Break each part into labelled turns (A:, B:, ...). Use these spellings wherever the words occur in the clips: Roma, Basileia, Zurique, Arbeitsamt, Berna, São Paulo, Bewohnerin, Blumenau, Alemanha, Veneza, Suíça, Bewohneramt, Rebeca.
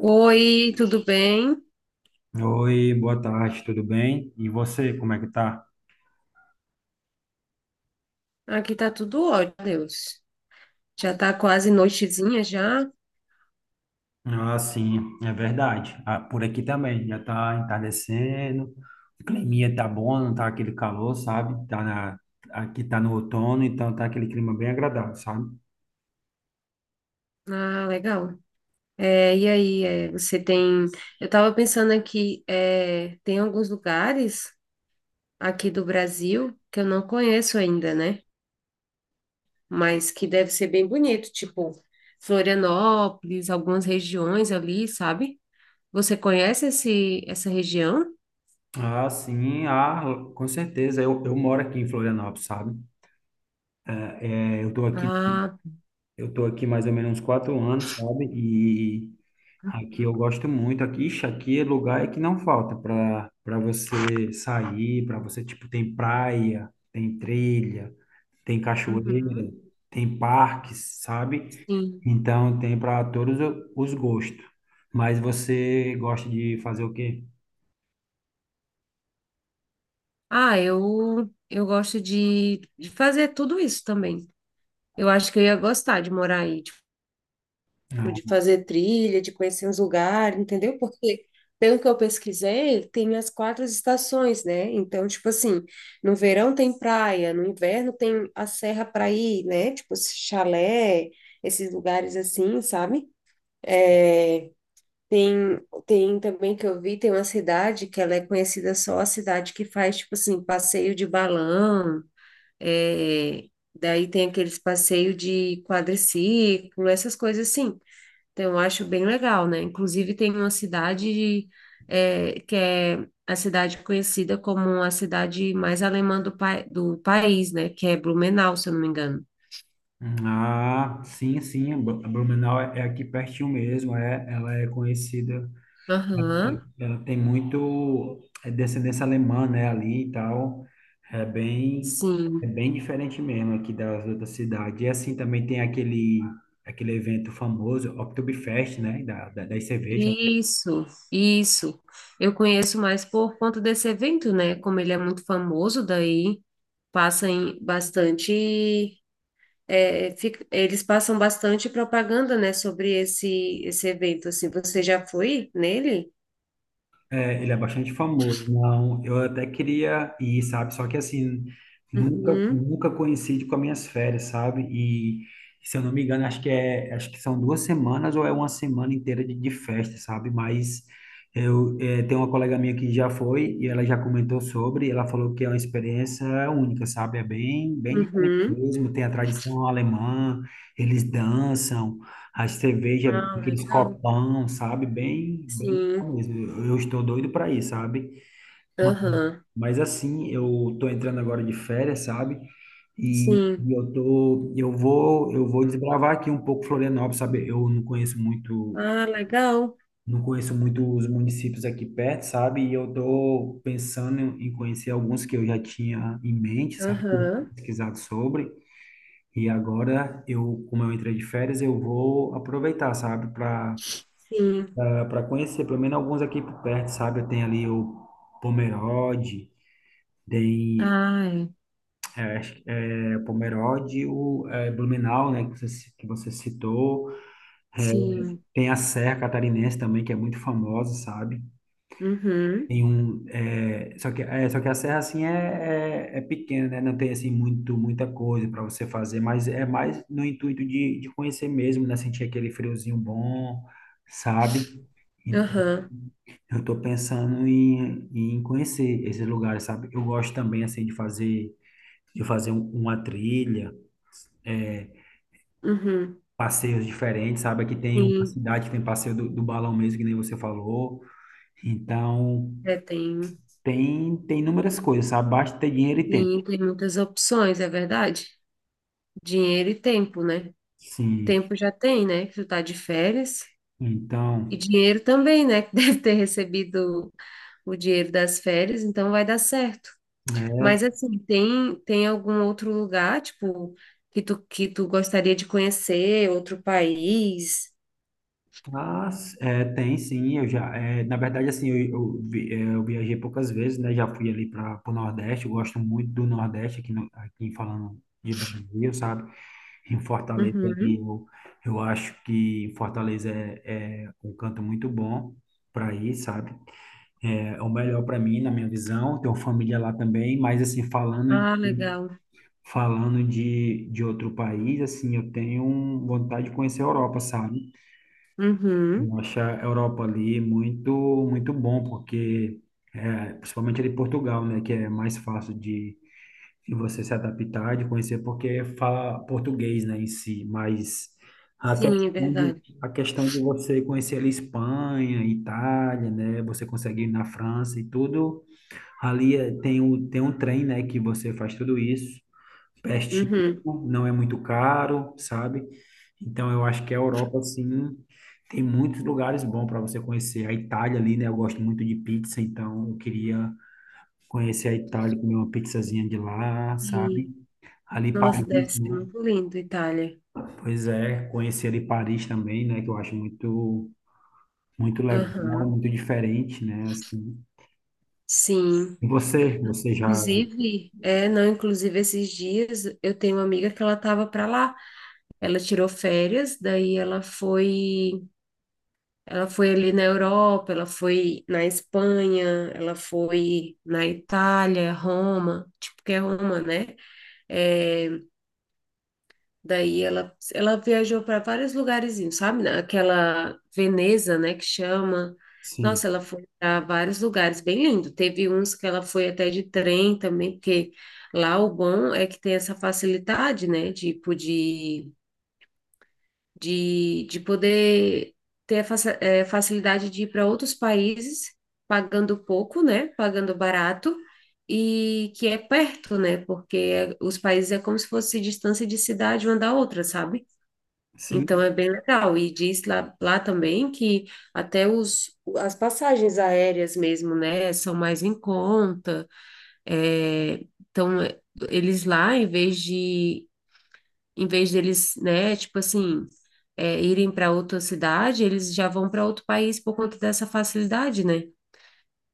A: Oi, tudo bem?
B: Oi, boa tarde, tudo bem? E você, como é que tá?
A: Aqui tá tudo ótimo, Deus. Já tá quase noitezinha já.
B: Ah, sim, é verdade. Ah, por aqui também, já tá entardecendo, o climinha tá bom, não tá aquele calor, sabe? Aqui tá no outono, então tá aquele clima bem agradável, sabe?
A: Ah, legal. Você tem. Eu tava pensando aqui, tem alguns lugares aqui do Brasil que eu não conheço ainda, né? Mas que deve ser bem bonito, tipo Florianópolis, algumas regiões ali, sabe? Você conhece essa região?
B: Ah, sim, ah, com certeza, eu moro aqui em Florianópolis, sabe? É, Eu tô aqui
A: Ah,
B: Eu tô aqui mais ou menos uns 4 anos, sabe? E aqui eu
A: uhum,
B: gosto muito. Aqui, ixi, aqui é lugar que não falta para você sair, para você, tipo, tem praia, tem trilha, tem cachoeira,
A: uhum,
B: tem parques, sabe?
A: sim.
B: Então tem para todos os gostos. Mas você gosta de fazer o quê?
A: Ah, eu gosto de fazer tudo isso também. Eu acho que eu ia gostar de morar aí, tipo, de
B: Ah,
A: fazer trilha, de conhecer os lugares, entendeu? Porque, pelo que eu pesquisei, tem as quatro estações, né? Então, tipo assim, no verão tem praia, no inverno tem a serra para ir, né? Tipo, chalé, esses lugares assim, sabe? É, tem, tem também que eu vi, tem uma cidade que ela é conhecida só a cidade que faz, tipo assim, passeio de balão. É, daí tem aqueles passeios de quadriciclo, essas coisas assim. Então, eu acho bem legal, né? Inclusive, tem uma cidade que é a cidade conhecida como a cidade mais alemã do país, né? Que é Blumenau, se eu não me engano.
B: sim, sim. Blumenau é aqui pertinho mesmo. É, ela é conhecida.
A: Aham,
B: Ela tem muito descendência alemã, né, ali e tal. É bem, é
A: sim.
B: bem diferente mesmo aqui das outras cidades. E assim também tem aquele evento famoso, Oktoberfest, né, das cervejas.
A: Isso, isso. Eu conheço mais por conta desse evento, né? Como ele é muito famoso, daí passa em bastante. Eles passam bastante propaganda, né, sobre esse evento, assim. Você já foi nele?
B: É, ele é bastante famoso. Não, eu até queria ir, sabe? Só que assim, nunca,
A: Uhum,
B: nunca coincide com as minhas férias, sabe? E se eu não me engano, acho que são 2 semanas ou é uma semana inteira de festa, sabe? Mas eu tenho uma colega minha que já foi e ela já comentou sobre, e ela falou que é uma experiência única, sabe? É bem, bem diferente
A: uhum.
B: mesmo. Tem a tradição alemã, eles dançam, a cerveja,
A: Ah,
B: aqueles
A: legal.
B: copão, sabe? Bem, bem
A: Sim.
B: mesmo. Eu estou doido para ir, sabe? Ma-
A: Aham.
B: Mas assim, eu tô entrando agora de férias, sabe? E,
A: Sim.
B: e eu vou desbravar aqui um pouco Florianópolis, sabe? Eu não conheço muito,
A: Ah, legal.
B: Não conheço muito os municípios aqui perto, sabe? E eu tô pensando em conhecer alguns que eu já tinha em mente, sabe? Que eu tinha
A: Aham.
B: pesquisado sobre. E agora como eu entrei de férias, eu vou aproveitar, sabe? Para
A: Sim.
B: para conhecer, pelo menos alguns aqui por perto, sabe? Tem ali o Pomerode, tem
A: Ai,
B: acho que é Pomerode, Blumenau, né, que que você citou. É,
A: sim.
B: Tem a Serra Catarinense também, que é muito famosa, sabe?
A: Uhum.
B: Só que a serra, assim, é pequena, né? Não tem, assim, muita coisa para você fazer, mas é mais no intuito de conhecer mesmo, né? Sentir aquele friozinho bom, sabe?
A: Aham.
B: Eu estou pensando em conhecer esses lugares, sabe? Eu gosto também, assim, de fazer uma trilha, é,
A: Uhum.
B: passeios diferentes, sabe? Aqui tem uma
A: Sim.
B: cidade que tem passeio do balão mesmo, que nem você falou. Então,
A: É, tem.
B: tem inúmeras coisas, sabe? Basta ter dinheiro e tempo.
A: Sim, tem muitas opções, é verdade? Dinheiro e tempo, né?
B: Sim.
A: Tempo já tem, né? Que tu tá de férias. E
B: Então,
A: dinheiro também, né? Que deve ter recebido o dinheiro das férias, então vai dar certo. Mas assim, tem tem algum outro lugar, tipo, que tu gostaria de conhecer, outro país?
B: tem sim, na verdade, assim, eu viajei poucas vezes, né, já fui ali para o Nordeste, eu gosto muito do Nordeste, aqui, no, aqui falando de Brasil, sabe? Em Fortaleza, ali,
A: Uhum.
B: eu acho que em Fortaleza é um canto muito bom para ir, sabe? É o melhor para mim, na minha visão. Tenho família lá também, mas assim, falando
A: Ah,
B: de,
A: legal.
B: de, outro país, assim, eu tenho vontade de conhecer a Europa, sabe?
A: Uhum.
B: Eu acho a Europa ali muito, muito bom, porque, principalmente ali em Portugal, né, que é mais fácil de e você se adaptar, de conhecer, porque fala português, né, em si, mas a
A: Sim, é
B: questão de,
A: verdade.
B: a questão de você conhecer ali Espanha, Itália, né, você consegue ir na França e tudo, ali é- tem o, tem um trem, né, que você faz tudo isso, pertinho,
A: Uhum.
B: não é muito caro, sabe? Então eu acho que a Europa, assim, tem muitos lugares bons para você conhecer. A Itália ali, né, eu gosto muito de pizza, então eu queria conhecer a Itália, comer uma pizzazinha de lá, sabe?
A: Sim.
B: Ali
A: Nossa, deve
B: Paris,
A: ser
B: né?
A: muito lindo, Itália.
B: Pois é, conhecer ali Paris também, né? Que eu acho muito, muito legal,
A: Aham.
B: muito diferente, né? Assim.
A: Sim.
B: E você já,
A: Inclusive, não, inclusive esses dias eu tenho uma amiga que ela estava para lá. Ela tirou férias, daí ela foi ali na Europa, ela foi na Espanha, ela foi na Itália, Roma, tipo que é Roma, né? É, daí ela viajou para vários lugarzinhos, sabe? Aquela Veneza, né, que chama.
B: sim,
A: Nossa, ela foi para vários lugares, bem lindo. Teve uns que ela foi até de trem também, porque lá o bom é que tem essa facilidade, né, tipo de poder ter a facilidade de ir para outros países, pagando pouco, né? Pagando barato, e que é perto, né? Porque é, os países é como se fosse distância de cidade uma da outra, sabe?
B: sim,
A: Então é bem legal. E diz lá, lá também que até as passagens aéreas mesmo, né? São mais em conta. eh, então, eh, Eles lá, em vez de em vez deles, né, tipo assim, irem para outra cidade, eles já vão para outro país por conta dessa facilidade, né?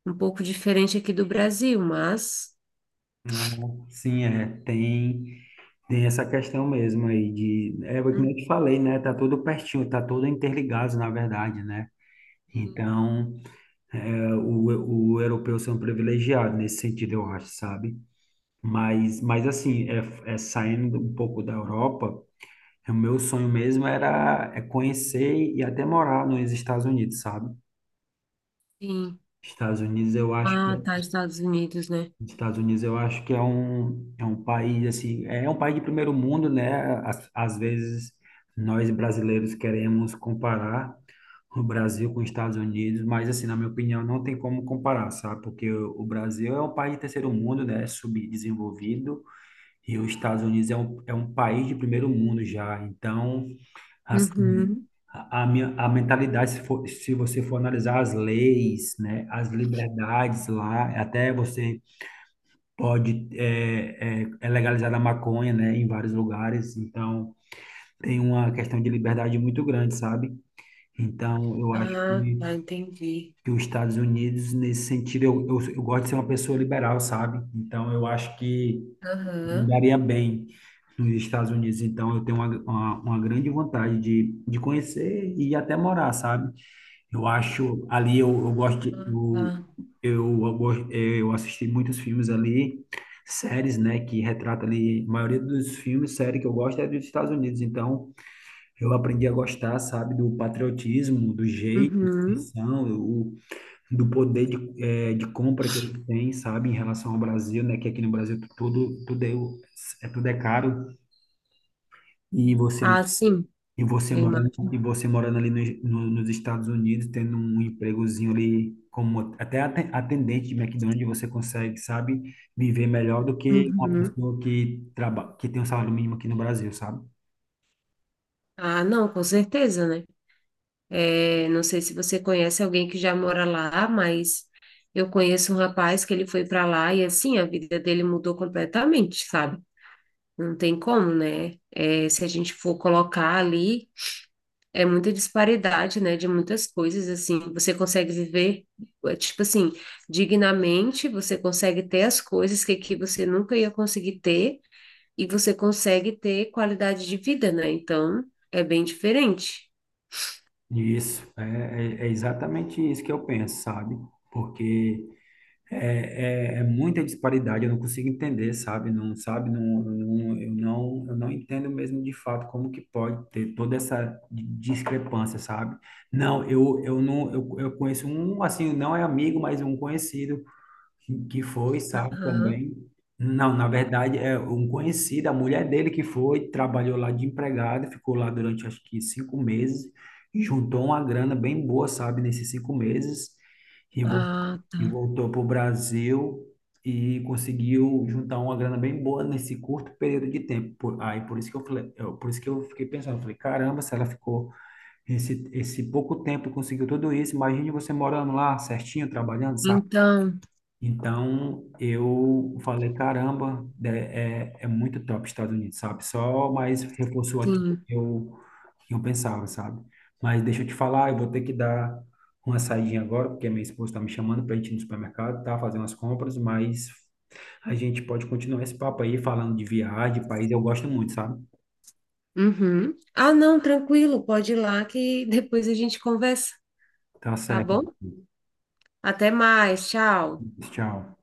A: Um pouco diferente aqui do Brasil, mas.
B: não, sim, tem essa questão mesmo aí de o que eu te falei, né? Tá tudo pertinho, tá tudo interligado, na verdade, né?
A: Uhum,
B: Então, o europeu ser um privilegiado nesse sentido, eu acho, sabe? Mas assim, saindo um pouco da Europa. O meu sonho mesmo era conhecer e até morar nos Estados Unidos, sabe?
A: sim.
B: Estados Unidos eu acho que
A: Ah, tá, Estados Unidos, né?
B: Estados Unidos eu acho que é um país assim, é um país de primeiro mundo, né? Às vezes nós brasileiros queremos comparar o Brasil com os Estados Unidos, mas assim, na minha opinião, não tem como comparar, sabe? Porque o Brasil é um país de terceiro mundo, né? Subdesenvolvido, e os Estados Unidos é um país de primeiro mundo já. Então, assim,
A: Uhum.
B: a minha, a mentalidade, se você for analisar as leis, né, as liberdades lá, até você pode, é, é, é legalizada a maconha, né, em vários lugares, então tem uma questão de liberdade muito grande, sabe? Então, eu acho
A: Ah, tá,
B: que,
A: entendi.
B: que os Estados Unidos, nesse sentido, eu gosto de ser uma pessoa liberal, sabe? Então, eu acho que me
A: Aham.
B: daria bem nos Estados Unidos, então eu tenho uma, uma grande vontade de conhecer e até morar, sabe? Eu acho ali eu gosto de,
A: Ah, tá.
B: eu gosto- eu assisti muitos filmes ali, séries, né, que retrata ali a maioria dos filmes, séries que eu gosto é dos Estados Unidos, então eu aprendi a gostar, sabe, do patriotismo, do jeito,
A: Uhum.
B: missão, do poder de compra que eles têm, sabe, em relação ao Brasil, né? Que aqui no Brasil tudo é caro e você
A: Ah, sim, eu imagino.
B: e você morando ali nos no- nos Estados Unidos, tendo um empregozinho ali como até atendente de McDonald's, você consegue, sabe, viver melhor do que uma
A: Uhum.
B: pessoa que trabalha que tem um salário mínimo aqui no Brasil, sabe?
A: Ah, não, com certeza, né? Eu não sei se você conhece alguém que já mora lá, mas eu conheço um rapaz que ele foi para lá e assim a vida dele mudou completamente, sabe? Não tem como, né? É, se a gente for colocar ali, é muita disparidade, né? De muitas coisas, assim, você consegue viver, é, tipo assim, dignamente, você consegue ter as coisas que aqui você nunca ia conseguir ter e você consegue ter qualidade de vida, né? Então, é bem diferente.
B: Isso, é exatamente isso que eu penso, sabe? Porque é muita disparidade, eu não consigo entender, sabe? Não, sabe? Não, não, eu não entendo mesmo de fato como que pode ter toda essa discrepância, sabe? Não, eu conheço um, assim, não é amigo, mas um conhecido que foi, sabe,
A: Aham.
B: também. Não, na verdade, é um conhecido, a mulher dele que foi, trabalhou lá de empregada, ficou lá durante acho que 5 meses, e juntou uma grana bem boa, sabe, nesses 5 meses, e, vol-
A: Ah,
B: e
A: tá.
B: voltou para o Brasil e conseguiu juntar uma grana bem boa nesse curto período de tempo. Aí por isso que eu falei, por isso que eu fiquei pensando, eu falei, caramba, se ela ficou esse pouco tempo e conseguiu tudo isso, imagine você morando lá certinho, trabalhando,
A: Então,
B: então eu falei, caramba, é muito top Estados Unidos, sabe? Só mais reforçou aqui
A: sim.
B: que eu, que eu pensava, sabe? Mas deixa eu te falar, eu vou ter que dar uma saidinha agora, porque minha esposa está me chamando para a gente ir no supermercado, tá? Fazer umas compras, mas a gente pode continuar esse papo aí falando de viagem, país, eu gosto muito, sabe?
A: Uhum. Ah, não, tranquilo, pode ir lá que depois a gente conversa,
B: Tá
A: tá
B: certo,
A: bom? Até mais, tchau.
B: tchau.